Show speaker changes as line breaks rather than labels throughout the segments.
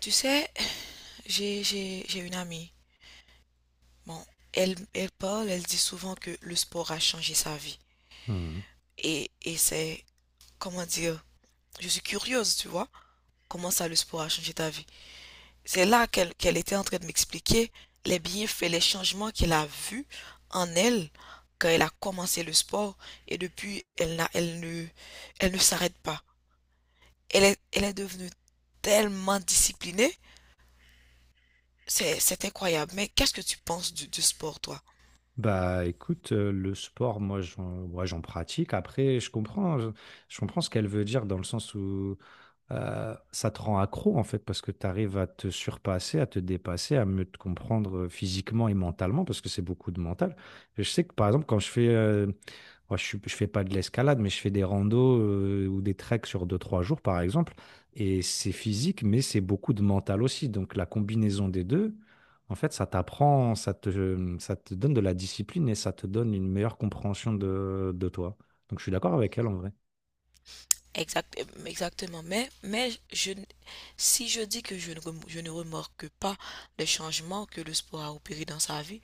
Tu sais, j'ai une amie. Bon, elle dit souvent que le sport a changé sa vie.
Mmh.
Et comment dire, je suis curieuse, tu vois, comment ça le sport a changé ta vie. C'est là qu'elle était en train de m'expliquer les bienfaits, les changements qu'elle a vus en elle quand elle a commencé le sport. Et depuis, elle ne s'arrête pas. Elle est devenue tellement disciplinée. C'est incroyable. Mais qu'est-ce que tu penses du sport, toi?
Bah, écoute, le sport, moi, j'en pratique. Après, je comprends ce qu'elle veut dire dans le sens où ça te rend accro en fait parce que tu arrives à te surpasser, à te dépasser, à mieux te comprendre physiquement et mentalement parce que c'est beaucoup de mental. Je sais que par exemple quand je fais, moi, je fais pas de l'escalade mais je fais des randos ou des treks sur 2 3 jours par exemple, et c'est physique mais c'est beaucoup de mental aussi. Donc la combinaison des deux, en fait ça t'apprend, ça te donne de la discipline et ça te donne une meilleure compréhension de toi. Donc je suis d'accord avec elle en vrai.
Exact, exactement. Mais je, n- si je dis que je ne, rem- je ne remarque pas les changements que le sport a opéré dans sa vie,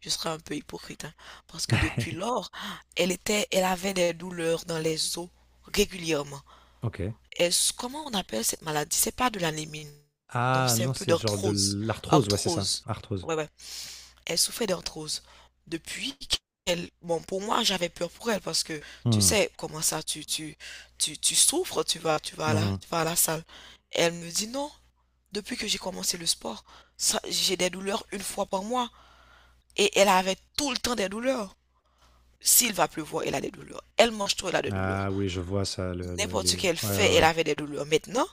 je serais un peu hypocrite, hein. Parce que depuis lors, elle avait des douleurs dans les os régulièrement.
Ok.
Est-ce, comment on appelle cette maladie? C'est pas de l'anémie, non,
Ah
c'est un
non,
peu
c'est genre de
d'arthrose.
l'arthrose, ouais, c'est ça,
Arthrose.
arthrose.
Ouais, ouais, elle souffrait d'arthrose. Depuis qu'elle, bon, pour moi, j'avais peur pour elle parce que tu
Hmm,
sais comment ça, tu souffres,
mhm.
tu vas à la salle. Et elle me dit non. Depuis que j'ai commencé le sport, j'ai des douleurs une fois par mois et elle avait tout le temps des douleurs. S'il va pleuvoir, elle a des douleurs. Elle mange tout, elle a des douleurs.
Ah oui, je vois ça,
N'importe ce
les...
qu'elle
Ouais, ouais,
fait, elle
ouais.
avait des douleurs.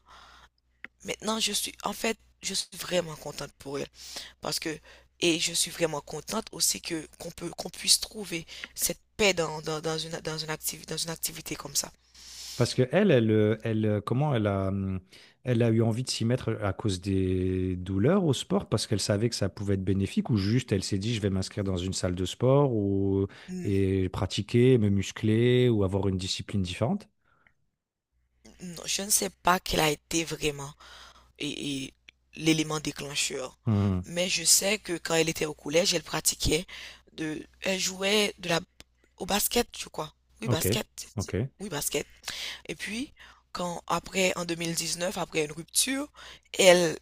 Maintenant, en fait, je suis vraiment contente pour elle. Parce que, et je suis vraiment contente aussi que qu'on puisse trouver cette paix dans dans une activité comme ça.
Parce que elle, elle, elle, comment elle a, elle a eu envie de s'y mettre à cause des douleurs au sport, parce qu'elle savait que ça pouvait être bénéfique, ou juste elle s'est dit, je vais m'inscrire dans une salle de sport, ou
Hmm,
et pratiquer, me muscler, ou avoir une discipline différente.
non, je ne sais pas quel a été vraiment et, et l'élément déclencheur,
Hmm,
mais je sais que quand elle était au collège, elle pratiquait de, elle jouait au basket, je crois. Oui,
Ok,
basket.
ok.
Oui, basket. Et puis, quand après, en 2019, après une rupture, elle,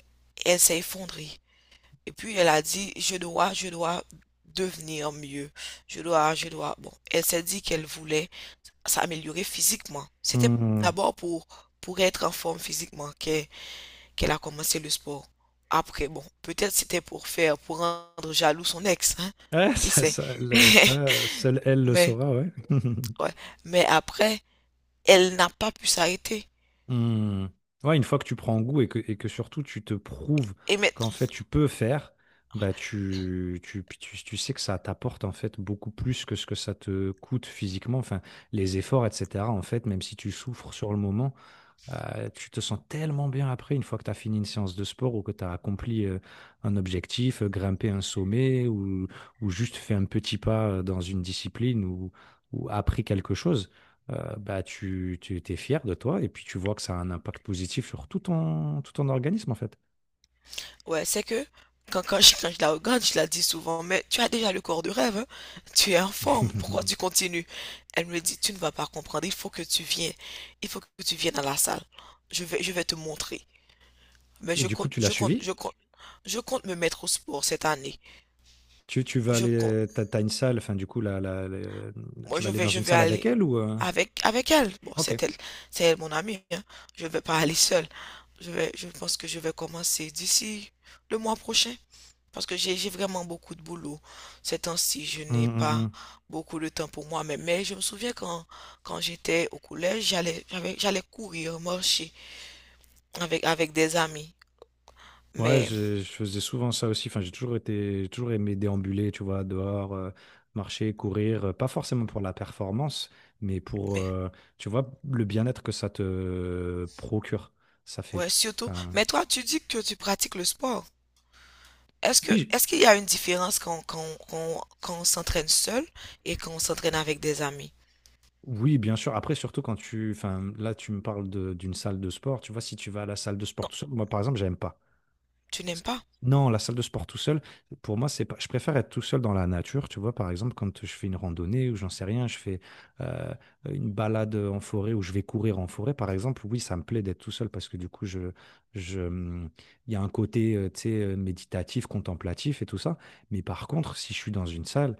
elle s'est effondrée. Et puis, elle a dit, je dois devenir mieux. Je dois, je dois. Bon, elle s'est dit qu'elle voulait s'améliorer physiquement. C'était
Hmm.
d'abord pour être en forme physiquement qu'elle a commencé le sport. Après, bon, peut-être c'était pour faire, pour rendre jaloux son ex, hein.
Ouais,
Qui sait?
ça, seule elle le
Mais,
saura, ouais.
ouais. Mais après, elle n'a pas pu s'arrêter.
Hmm. Ouais, une fois que tu prends goût et que surtout tu te prouves
Et maintenant,
qu'en fait tu peux faire, bah tu sais que ça t'apporte en fait beaucoup plus que ce que ça te coûte physiquement, enfin les efforts, etc. En fait, même si tu souffres sur le moment, tu te sens tellement bien après, une fois que tu as fini une séance de sport ou que tu as accompli un objectif, grimpé un sommet ou juste fait un petit pas dans une discipline ou appris quelque chose, bah, tu es fier de toi et puis tu vois que ça a un impact positif sur tout ton organisme en fait.
ouais, c'est que quand je la regarde, je la dis souvent, mais tu as déjà le corps de rêve, hein? Tu es en forme, pourquoi tu continues? Elle me dit, tu ne vas pas comprendre, il faut que tu viennes à la salle. Je vais te montrer. Mais
Et
je
du coup,
compte,
tu l'as
je compte,
suivi?
je compte, je compte me mettre au sport cette année.
Tu vas
Je compte,
aller, t'as une salle, enfin du coup,
moi
tu vas aller dans
je
une
vais
salle avec
aller
elle ou...
avec elle. Bon,
Ok.
c'est elle mon amie, hein? Je vais pas aller seule. Je pense que je vais commencer d'ici le mois prochain. Parce que j'ai vraiment beaucoup de boulot. Ces temps-ci, je
Mm,
n'ai pas
mm.
beaucoup de temps pour moi. Mais je me souviens quand, quand j'étais au collège, j'allais courir, marcher avec des amis.
Ouais,
Mais,
je faisais souvent ça aussi. Enfin, j'ai toujours aimé déambuler, tu vois, dehors, marcher, courir. Pas forcément pour la performance, mais pour,
mais,
tu vois, le bien-être que ça te procure. Ça fait,
ouais, surtout.
enfin,
Mais toi, tu dis que tu pratiques le sport. Est-ce
oui,
que, est-ce qu'il y a une différence quand on s'entraîne seul et quand on s'entraîne avec des amis?
oui, bien sûr. Après, surtout quand tu, enfin, là, tu me parles d'une salle de sport. Tu vois, si tu vas à la salle de sport
Non,
tout seul, moi, par exemple, j'aime pas.
tu n'aimes pas?
Non, la salle de sport tout seul, pour moi, c'est pas... je préfère être tout seul dans la nature. Tu vois, par exemple, quand je fais une randonnée ou j'en sais rien, je fais euh, une balade en forêt ou je vais courir en forêt, par exemple, oui, ça me plaît d'être tout seul parce que du coup, je il y a un côté, tu sais, méditatif, contemplatif et tout ça. Mais par contre, si je suis dans une salle,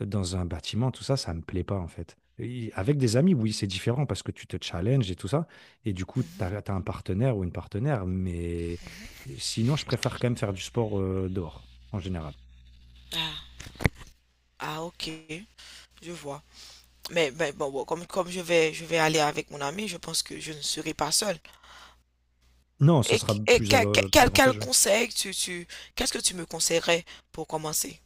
dans un bâtiment, tout ça, ça me plaît pas en fait. Et avec des amis, oui, c'est différent parce que tu te challenges et tout ça, et du coup, tu as un partenaire ou une partenaire, mais sinon, je préfère quand même faire du sport, dehors, en général.
Ah, ah, ok, je vois. Mais bon, bon, comme je vais aller avec mon ami, je pense que je ne serai pas seule.
Non, ça sera
Et
plus avantageux.
conseil qu'est-ce que tu me conseillerais pour commencer?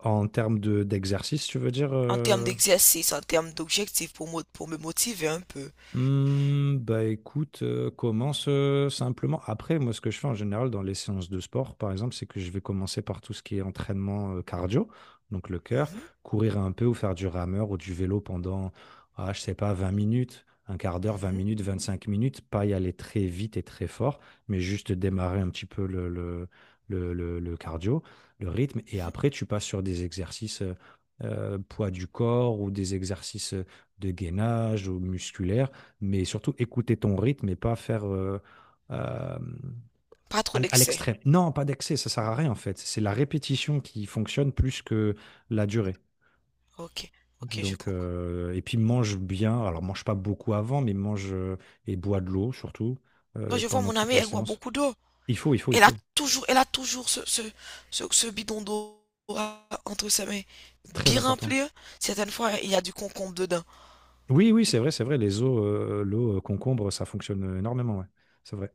En termes de d'exercice, tu veux dire,
En termes d'exercice, en termes d'objectifs pour, pour me motiver un peu.
Hmm, bah écoute, commence simplement. Après, moi, ce que je fais en général dans les séances de sport, par exemple, c'est que je vais commencer par tout ce qui est entraînement cardio, donc le cœur,
Mhm,
courir un peu ou faire du rameur ou du vélo pendant, ah, je sais pas, vingt minutes, un quart d'heure, vingt
mhm,
minutes, vingt-cinq minutes, pas y aller très vite et très fort, mais juste démarrer un petit peu le cardio, le rythme, et
mhm.
après, tu passes sur des exercices poids du corps ou des exercices de gainage ou musculaire, mais surtout écouter ton rythme et pas faire euh,
Pas trop
à
d'excès.
l'extrême. Non, pas d'excès, ça sert à rien en fait. C'est la répétition qui fonctionne plus que la durée.
Ok, ok, je
Donc,
comprends.
et puis mange bien. Alors, mange pas beaucoup avant, mais mange et bois de l'eau surtout
Moi, je vois
pendant
mon
toute
amie,
la
elle boit
séance.
beaucoup d'eau.
Il faut.
Elle a toujours ce bidon d'eau entre ses mains,
C'est très
bien
important.
rempli, hein. Certaines fois, il y a du concombre dedans.
Oui, oui, c'est vrai, c'est vrai. Les eaux, l'eau concombre, ça fonctionne énormément. Ouais. C'est vrai.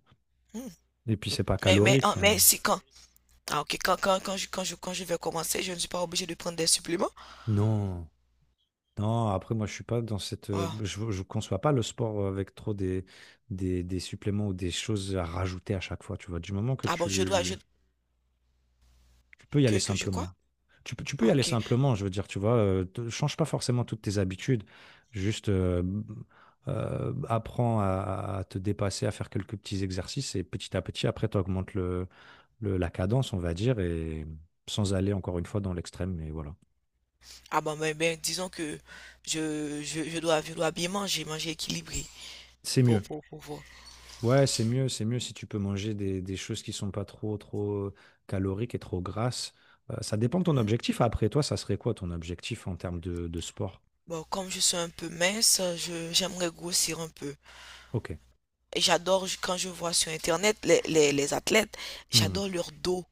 Hmm.
Et puis, c'est pas
Mais,
calorique.
hein, mais
Enfin,
c'est quand? Ah, ok, quand je vais commencer, je ne suis pas obligé de prendre des suppléments.
non. Non, après, moi, je suis pas dans cette.
Ah.
Je conçois pas le sport avec trop des suppléments ou des choses à rajouter à chaque fois. Tu vois, du moment que
Ah bon,
tu peux y aller
que je quoi?
simplement. Tu peux
Ah
y aller
ok.
simplement, je veux dire, tu vois, change pas forcément toutes tes habitudes. Juste apprends à te dépasser, à faire quelques petits exercices et petit à petit, après, tu augmentes la cadence, on va dire, et sans aller encore une fois dans l'extrême, mais voilà.
Ah bon, ben, ben, disons que je dois bien manger, manger équilibré
C'est mieux.
pour voir.
Ouais, c'est mieux si tu peux manger des choses qui sont pas trop caloriques et trop grasses. Ça dépend de ton
Mhm.
objectif. Après, toi, ça serait quoi ton objectif en termes de sport?
Bon, comme je suis un peu mince, je, j'aimerais grossir un peu.
Ok.
Et j'adore, quand je vois sur Internet les athlètes,
Hmm.
j'adore leur dos.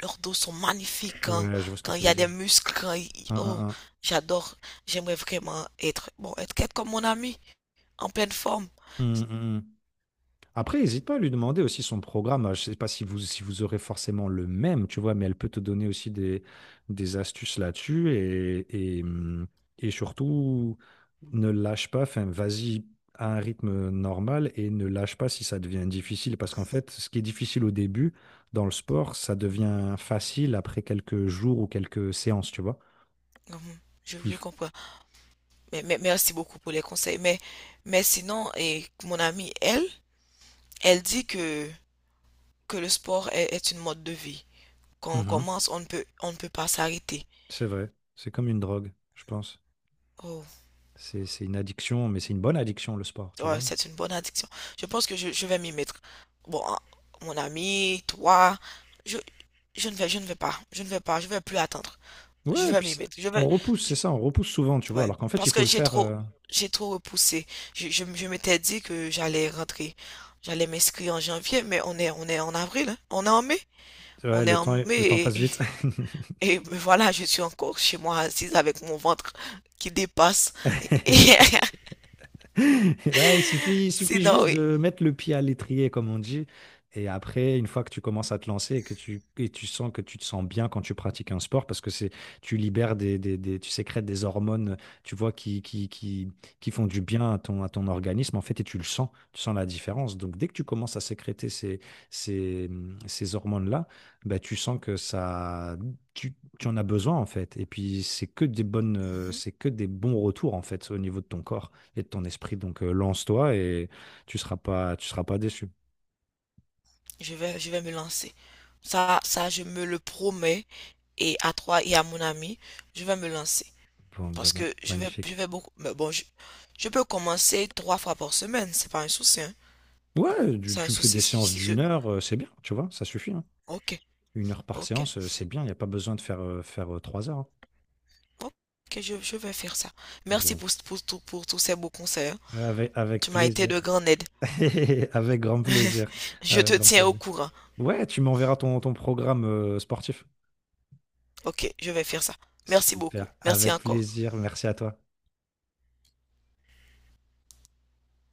Leurs dos sont magnifiques
Ouais, je vois ce que
quand
tu
il y
veux
a des
dire.
muscles,
Hein, hein,
oh,
hein.
j'adore. J'aimerais vraiment être, bon, être comme mon ami, en pleine forme.
Hmm, hmm, hmm. Après, n'hésite pas à lui demander aussi son programme. Je ne sais pas si vous, si vous aurez forcément le même, tu vois, mais elle peut te donner aussi des astuces là-dessus et, hum, et surtout, ne lâche pas, enfin, vas-y à un rythme normal et ne lâche pas si ça devient difficile parce qu'en fait, ce qui est difficile au début dans le sport, ça
Mhm.
devient facile après quelques jours ou quelques séances, tu vois.
Mhm.
Il
Je
f-
comprends. Mais, merci beaucoup pour les conseils. Mais sinon, et mon amie, elle, elle dit que le sport est une mode de vie. Quand on
Mhm.
commence, on ne peut pas s'arrêter.
C'est vrai, c'est comme une drogue, je pense.
Oh,
C'est une addiction, mais c'est une bonne addiction, le sport, tu
ouais,
vois.
c'est une bonne addiction. Je pense que je vais m'y mettre. Bon, hein, mon ami, toi, je, je ne vais pas, je ne vais pas, je vais plus attendre. Je
Ouais,
vais m'y mettre. Je vais,
on repousse, c'est ça, on repousse souvent, tu vois,
ouais,
alors qu'en fait, il
parce
faut
que
le faire.
j'ai trop repoussé. Je m'étais dit que j'allais rentrer, j'allais m'inscrire en janvier, mais on est en avril, hein. On est en mai,
Ouais, le temps passe
et,
vite.
me voilà, je suis encore chez moi assise avec mon ventre qui dépasse. Et-
Ouais, il suffit
sinon,
juste
oui,
de mettre le pied à l'étrier, comme on dit. Et après, une fois que tu commences à te lancer et que et tu sens que tu te sens bien quand tu pratiques un sport, parce que c'est, tu libères tu sécrètes des hormones, tu vois, qui font du bien à ton organisme, en fait, et tu le sens, tu sens la différence. Donc, dès que tu commences à sécréter ces, ces hormones-là, bah, tu sens que ça, tu, tu en as besoin, en fait. Et puis, c'est que des bonnes,
Mhm.
c'est que des bons retours, en fait, au niveau de ton corps et de ton esprit. Donc, lance-toi et tu seras pas déçu.
Je vais me lancer. Je me le promets. Et à toi et à mon ami, je vais me lancer
Bon,
parce que je
magnifique.
vais beaucoup. Mais bon, je peux commencer 3 fois par semaine, c'est pas un souci, hein.
Ouais,
C'est un
tu fais des
souci si,
séances
si je...
d'1 heure, c'est bien, tu vois, ça suffit. Hein.
Ok,
1 heure par
ok,
séance, c'est bien, il n'y a pas besoin de faire, 3 heures. Hein.
ok, je vais faire ça. Merci
Bon.
pour tous ces beaux conseils, hein.
Avec
Tu m'as été de
plaisir.
grande aide.
Avec grand plaisir.
Je
Avec
te
grand
tiens au
plaisir.
courant.
Ouais, tu m'enverras ton programme sportif.
Ok, je vais faire ça. Merci beaucoup.
Super.
Merci
Avec
encore.
plaisir. Merci à toi.